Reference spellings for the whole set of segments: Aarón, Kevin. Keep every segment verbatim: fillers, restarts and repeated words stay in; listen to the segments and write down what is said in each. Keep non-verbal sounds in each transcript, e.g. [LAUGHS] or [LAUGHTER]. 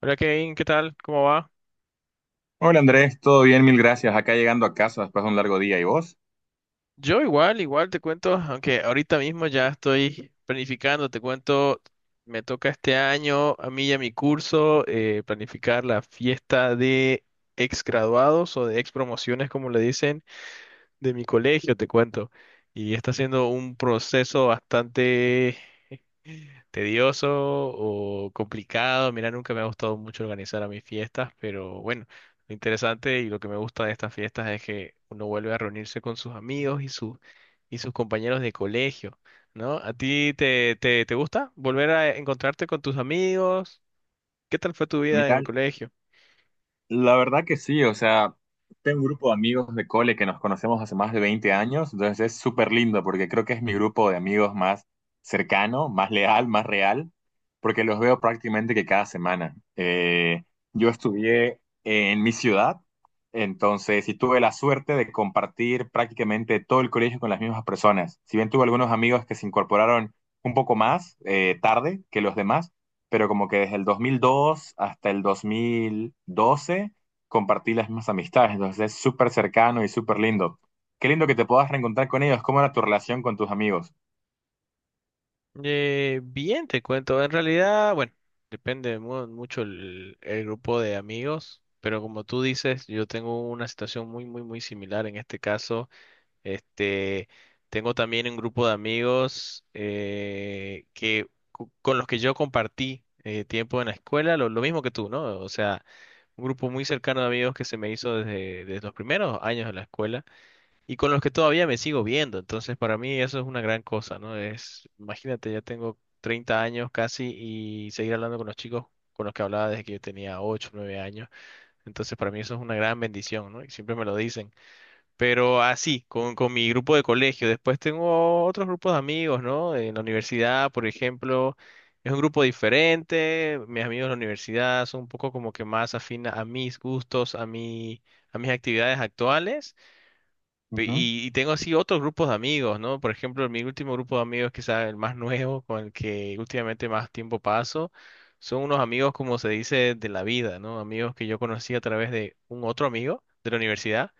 Hola Kevin, ¿qué tal? ¿Cómo va? Hola Andrés, todo bien, mil gracias. Acá llegando a casa después de un largo día. ¿Y vos? Yo igual, igual te cuento, aunque ahorita mismo ya estoy planificando, te cuento, me toca este año a mí y a mi curso eh, planificar la fiesta de ex graduados o de ex promociones, como le dicen, de mi colegio, te cuento. Y está siendo un proceso bastante tedioso o complicado. Mira, nunca me ha gustado mucho organizar a mis fiestas, pero bueno, lo interesante y lo que me gusta de estas fiestas es que uno vuelve a reunirse con sus amigos y sus y sus compañeros de colegio, ¿no? ¿A ti te, te, te gusta volver a encontrarte con tus amigos? ¿Qué tal fue tu vida en Mira, el colegio? la verdad que sí, o sea, tengo un grupo de amigos de cole que nos conocemos hace más de veinte años, entonces es súper lindo porque creo que es mi grupo de amigos más cercano, más leal, más real, porque los veo prácticamente que cada semana. Eh, yo estudié en mi ciudad, entonces y tuve la suerte de compartir prácticamente todo el colegio con las mismas personas. Si bien tuve algunos amigos que se incorporaron un poco más eh, tarde que los demás, pero como que desde el dos mil dos hasta el dos mil doce compartí las mismas amistades, entonces es súper cercano y súper lindo. Qué lindo que te puedas reencontrar con ellos, cómo era tu relación con tus amigos. Eh, bien, te cuento. En realidad, bueno, depende mu- mucho el, el grupo de amigos, pero como tú dices, yo tengo una situación muy, muy, muy similar en este caso. Este, tengo también un grupo de amigos eh, que, cu- con los que yo compartí eh, tiempo en la escuela, lo, lo mismo que tú, ¿no? O sea, un grupo muy cercano de amigos que se me hizo desde, desde los primeros años de la escuela y con los que todavía me sigo viendo. Entonces, para mí eso es una gran cosa, ¿no? Es, imagínate, ya tengo treinta años casi y seguir hablando con los chicos con los que hablaba desde que yo tenía ocho nueve años. Entonces, para mí eso es una gran bendición, ¿no? Y siempre me lo dicen. Pero así, con, con mi grupo de colegio. Después tengo otros grupos de amigos, ¿no? En la universidad, por ejemplo, es un grupo diferente. Mis amigos de la universidad son un poco como que más afina a mis gustos, a mi, a mis actividades actuales. Pe- Y, y tengo así otros grupos de amigos, ¿no? Por ejemplo, mi último grupo de amigos, quizás el más nuevo, con el que últimamente más tiempo paso, son unos amigos, como se dice, de la vida, ¿no? Amigos que yo conocí a través de un otro amigo de la universidad.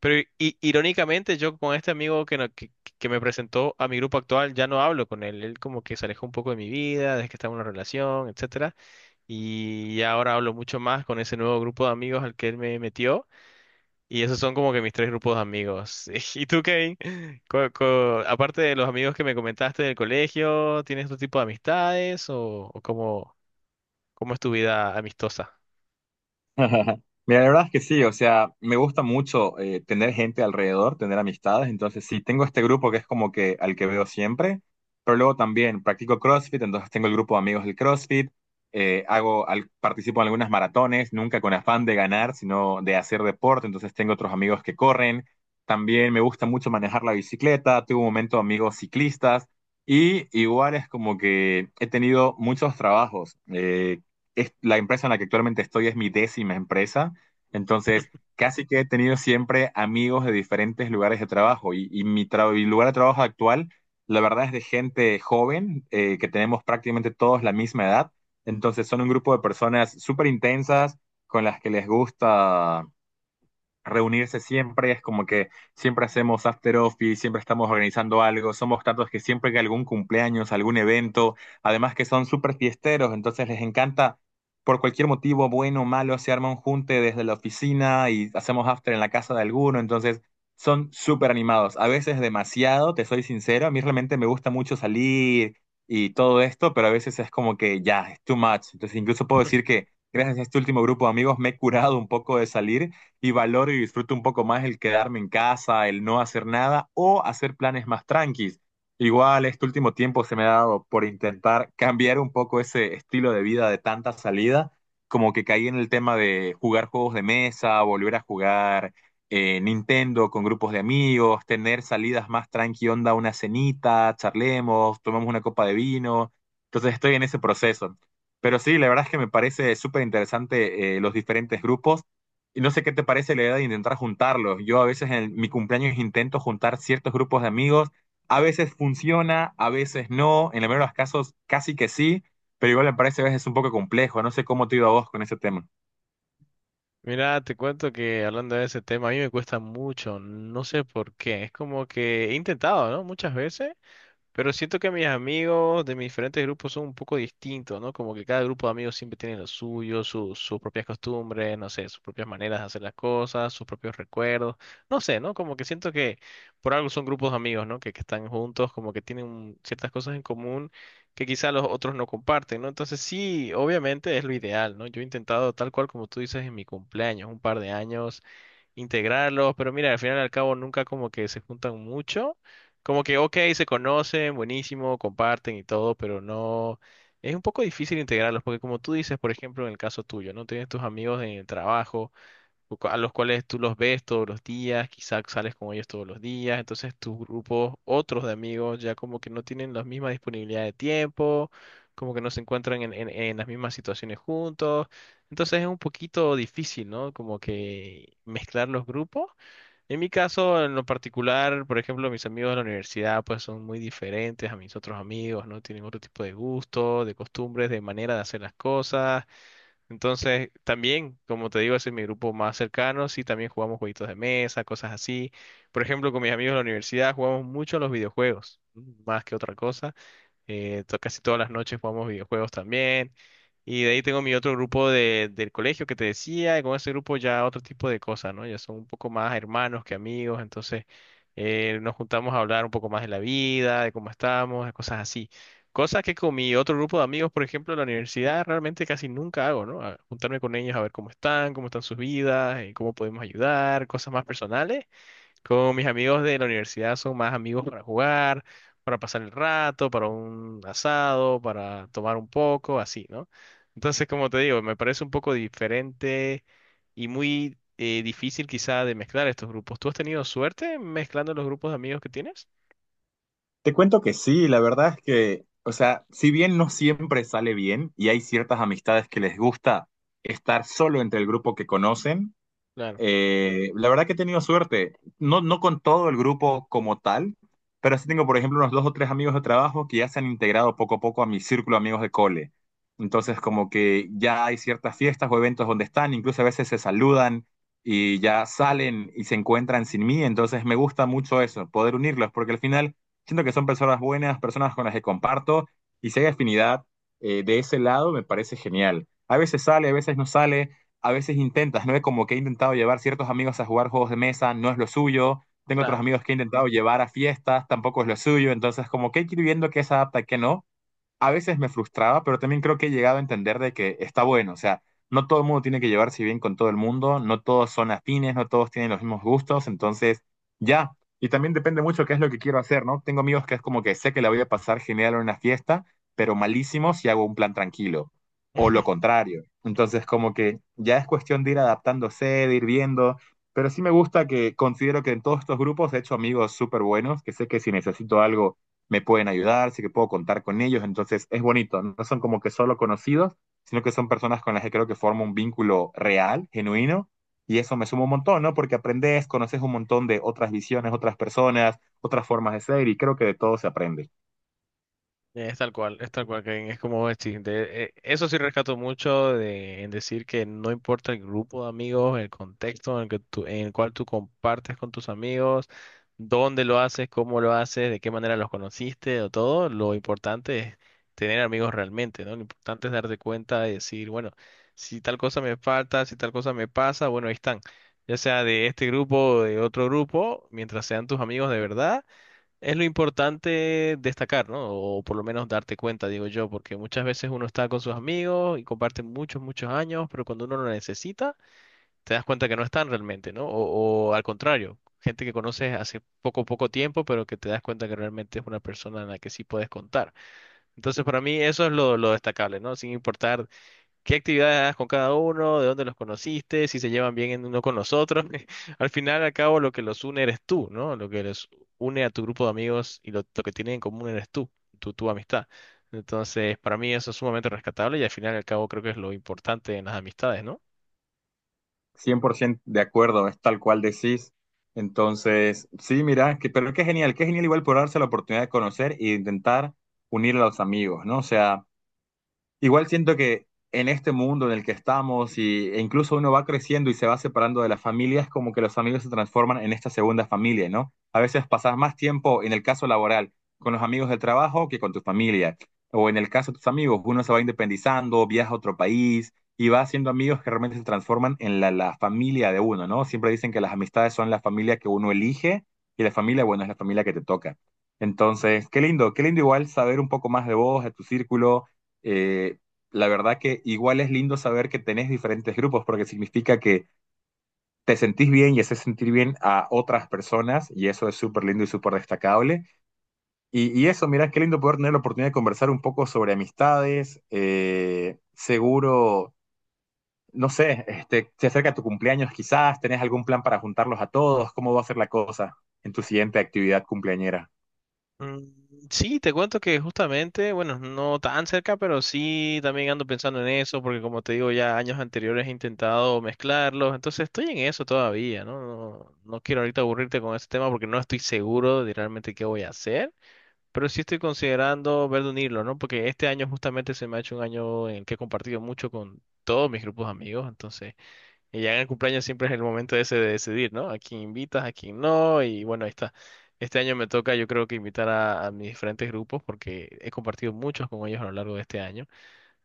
Pero i- i- irónicamente, yo con este amigo que, no- que, que me presentó a mi grupo actual, ya no hablo con él. Él como que se alejó un poco de mi vida, desde que estaba en una relación, etcétera. Y ahora hablo mucho más con ese nuevo grupo de amigos al que él me metió. Y esos son como que mis tres grupos de amigos. [LAUGHS] ¿Y tú, Kevin? Co- co- aparte de los amigos que me comentaste del colegio, ¿tienes otro tipo de amistades o, o cómo, cómo es tu vida amistosa? [LAUGHS] Mira, la verdad es que sí, o sea, me gusta mucho eh, tener gente alrededor, tener amistades, entonces sí, tengo este grupo que es como que al que veo siempre, pero luego también practico CrossFit, entonces tengo el grupo de amigos del CrossFit, eh, hago, al- participo en algunas maratones, nunca con afán de ganar, sino de hacer deporte, entonces tengo otros amigos que corren, también me gusta mucho manejar la bicicleta, tuve un momento amigos ciclistas, y igual es como que he tenido muchos trabajos. Eh, es- la empresa en la que actualmente estoy es mi décima empresa, entonces casi que he tenido siempre amigos de diferentes lugares de trabajo y, y mi, tra- mi lugar de trabajo actual, la verdad es de gente joven, eh, que tenemos prácticamente todos la misma edad, entonces son un grupo de personas súper intensas con las que les gusta reunirse siempre, es como que siempre hacemos after office, siempre estamos organizando algo, somos tantos que siempre que algún cumpleaños, algún evento, además que son súper fiesteros, entonces les encanta por cualquier motivo, bueno o malo, se arma un junte desde la oficina y hacemos after en la casa de alguno, entonces son súper animados, a veces demasiado, te soy sincero, a mí realmente me gusta mucho salir y todo esto, pero a veces es como que ya, es too much, entonces incluso puedo decir [LAUGHS] que… Gracias a este último grupo de amigos me he curado un poco de salir, y valoro y disfruto un poco más el quedarme en casa, el no hacer nada o hacer planes más tranquilos. Igual este último tiempo se me ha dado por intentar cambiar un poco ese estilo de vida de tanta salida, como que caí en el tema de jugar juegos de mesa, volver a jugar eh, Nintendo con grupos de amigos, tener salidas más tranqui onda, una cenita, charlemos, tomamos una copa de vino. Entonces estoy en ese proceso. Pero sí, la verdad es que me parece súper interesante eh, los diferentes grupos y no sé qué te parece la idea de intentar juntarlos. Yo a veces en mi cumpleaños intento juntar ciertos grupos de amigos. A veces funciona, a veces no. En el mayoría de los casos casi que sí, pero igual me parece a veces un poco complejo. No sé cómo te ha ido a vos con ese tema. Mira, te cuento que hablando de ese tema, a mí me cuesta mucho, no sé por qué. Es como que he intentado, ¿no? Muchas veces. Pero siento que mis amigos de mis diferentes grupos son un poco distintos, ¿no? Como que cada grupo de amigos siempre tiene lo suyo, su- sus propias costumbres, no sé, sus propias maneras de hacer las cosas, sus propios recuerdos, no sé, ¿no? Como que siento que por algo son grupos de amigos, ¿no? Que, que están juntos, como que tienen ciertas cosas en común que quizá los otros no comparten, ¿no? Entonces sí, obviamente es lo ideal, ¿no? Yo he intentado tal cual como tú dices en mi cumpleaños, un par de años integrarlos, pero mira, al final y al cabo nunca como que se juntan mucho, como que, ok, se conocen, buenísimo, comparten y todo, pero no, es un poco difícil integrarlos, porque como tú dices, por ejemplo, en el caso tuyo, ¿no? Tienes tus amigos en el trabajo cu- cu- a los cuales tú los ves todos los días, quizás sales con ellos todos los días, entonces tus grupos, otros de amigos, ya como que no tienen la misma disponibilidad de tiempo, como que no se encuentran en, en, en las mismas situaciones juntos, entonces es un poquito difícil, ¿no? Como que mezclar los grupos. En mi caso, en lo particular, por ejemplo, mis amigos de la universidad, pues son muy diferentes a mis otros amigos, ¿no? Tienen otro tipo de gusto, de costumbres, de manera de hacer las cosas. Entonces, también, como te digo, ese es mi grupo más cercano. Sí, también jugamos jueguitos de mesa, cosas así. Por ejemplo, con mis amigos de la universidad jugamos mucho a los videojuegos, más que otra cosa eh, to- casi todas las noches jugamos videojuegos también. Y de ahí tengo mi otro grupo de, del colegio que te decía, y con ese grupo ya otro tipo de cosas, ¿no? Ya son un poco más hermanos que amigos, entonces eh, nos juntamos a hablar un poco más de la vida, de cómo estamos, de cosas así. Cosas que con mi otro grupo de amigos, por ejemplo, en la universidad, realmente casi nunca hago, ¿no? A- juntarme con ellos a ver cómo están, cómo están sus vidas, eh, cómo podemos ayudar, cosas más personales. Con mis amigos de la universidad son más amigos para jugar, para pasar el rato, para un asado, para tomar un poco, así, ¿no? Entonces, como te digo, me parece un poco diferente y muy eh, difícil quizá de mezclar estos grupos. ¿Tú has tenido suerte mezclando los grupos de amigos que tienes? Te cuento que sí, la verdad es que, o sea, si bien no siempre sale bien y hay ciertas amistades que les gusta estar solo entre el grupo que conocen. Claro, Eh, la verdad que he tenido suerte, no, no con todo el grupo como tal, pero sí tengo, por ejemplo, unos dos o tres amigos de trabajo que ya se han integrado poco a poco a mi círculo de amigos de cole. Entonces, como que ya hay ciertas fiestas o eventos donde están, incluso a veces se saludan y ya salen y se encuentran sin mí. Entonces, me gusta mucho eso, poder unirlos, porque al final siento que son personas buenas, personas con las que comparto y si hay afinidad eh, de ese lado, me parece genial. A veces sale, a veces no sale, a veces intentas, ¿no? Como que he intentado llevar ciertos amigos a jugar juegos de mesa, no es lo suyo. Tengo otros claro. amigos que he intentado llevar a fiestas, tampoco es lo suyo. Entonces, como que hay que ir viendo qué se adapta y qué no. A veces me frustraba, pero también creo que he llegado a entender de que está bueno, o sea, no todo el mundo tiene que llevarse bien con todo el mundo, no todos son afines, no todos tienen los mismos gustos, entonces ya. Y también depende mucho qué es lo que quiero hacer, ¿no? Tengo amigos que es como que sé que la voy a pasar genial en una fiesta, pero malísimo si hago un plan tranquilo, o lo [LAUGHS] contrario. Entonces, como que ya es cuestión de ir adaptándose, de ir viendo, pero sí me gusta que considero que en todos estos grupos he hecho amigos súper buenos, que sé que si necesito algo me pueden ayudar, sé que puedo contar con ellos, entonces es bonito, no son como que solo conocidos, sino que son personas con las que creo que formo un vínculo real, genuino, y eso me suma un montón, ¿no? Porque aprendes, conoces un montón de otras visiones, otras personas, otras formas de ser, y creo que de todo se aprende. Es tal cual, es tal cual, Kevin, es como decir, de- eh, eso sí rescato mucho de, en decir que no importa el grupo de amigos, el contexto en el que tú- en el cual tú compartes con tus amigos, dónde lo haces, cómo lo haces, de qué manera los conociste o todo, lo importante es tener amigos realmente, ¿no? Lo importante es darte cuenta y decir, bueno, si tal cosa me falta, si tal cosa me pasa, bueno, ahí están, ya sea de este grupo o de otro grupo, mientras sean tus amigos de verdad es lo importante destacar, ¿no? O por lo menos darte cuenta, digo yo, porque muchas veces uno está con sus amigos y comparten muchos, muchos años, pero cuando uno lo necesita, te das cuenta que no están realmente, ¿no? O, o al contrario, gente que conoces hace poco, poco tiempo, pero que te das cuenta que realmente es una persona en la que sí puedes contar. Entonces, para mí eso es lo, lo destacable, ¿no? Sin importar qué actividades haces con cada uno, de dónde los conociste, si se llevan bien en uno con los otros. [LAUGHS] Al final, al cabo, lo que los une eres tú, ¿no? Lo que les une a tu grupo de amigos y lo, lo que tienen en común eres tú, tu, tu amistad. Entonces, para mí eso es sumamente rescatable y al final, al cabo, creo que es lo importante en las amistades, ¿no? cien por ciento de acuerdo, es tal cual decís. Entonces, sí, mira, que, pero qué genial, qué genial igual por darse la oportunidad de conocer e intentar unir a los amigos, ¿no? O sea, igual siento que en este mundo en el que estamos y, e incluso uno va creciendo y se va separando de la familia, es como que los amigos se transforman en esta segunda familia, ¿no? A veces pasas más tiempo, en el caso laboral, con los amigos del trabajo que con tu familia. O en el caso de tus amigos, uno se va independizando, viaja a otro país y va haciendo amigos que realmente se transforman en la, la familia de uno, ¿no? Siempre dicen que las amistades son la familia que uno elige y la familia, bueno, es la familia que te toca. Entonces, qué lindo, qué lindo igual saber un poco más de vos, de tu círculo, eh, la verdad que igual es lindo saber que tenés diferentes grupos porque significa que te sentís bien y haces sentir bien a otras personas y eso es súper lindo y súper destacable. Y, y, eso, mira, qué lindo poder tener la oportunidad de conversar un poco sobre amistades. Eh, seguro, no sé, este, se acerca tu cumpleaños quizás, tenés algún plan para juntarlos a todos, ¿cómo va a ser la cosa en tu siguiente actividad cumpleañera? Mm, sí, te cuento que justamente, bueno, no tan cerca, pero sí también ando pensando en eso, porque como te digo, ya años anteriores he intentado mezclarlos, entonces estoy en eso todavía, ¿no? No, no quiero ahorita aburrirte con ese tema porque no estoy seguro de realmente qué voy a hacer, pero sí estoy considerando ver de unirlo, ¿no? Porque este año justamente se me ha hecho un año en el que he compartido mucho con todos mis grupos de amigos, entonces... Y ya en el cumpleaños siempre es el momento ese de decidir, ¿no? A quién invitas, a quién no. Y bueno, ahí está. Este año me toca, yo creo que invitar a, a mis diferentes grupos porque he compartido muchos con ellos a lo largo de este año.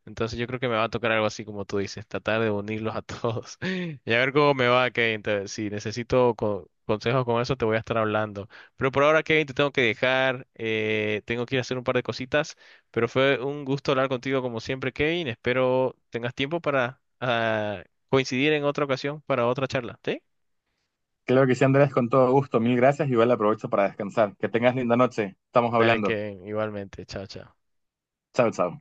Entonces yo creo que me va a tocar algo así como tú dices, tratar de unirlos a todos [LAUGHS] y a ver cómo me va, Kevin. Te- si necesito co- consejos con eso, te voy a estar hablando. Pero por ahora, Kevin, te tengo que dejar, eh, tengo que ir a hacer un par de cositas, pero fue un gusto hablar contigo como siempre, Kevin. Espero tengas tiempo para ah, coincidir en otra ocasión para otra charla, ¿sí? Claro que sí, Andrés, con todo gusto. Mil gracias. Igual aprovecho para descansar. Que tengas linda noche. Estamos Dale, hablando. Kevin, igualmente. Chao, chao. Chao, chao.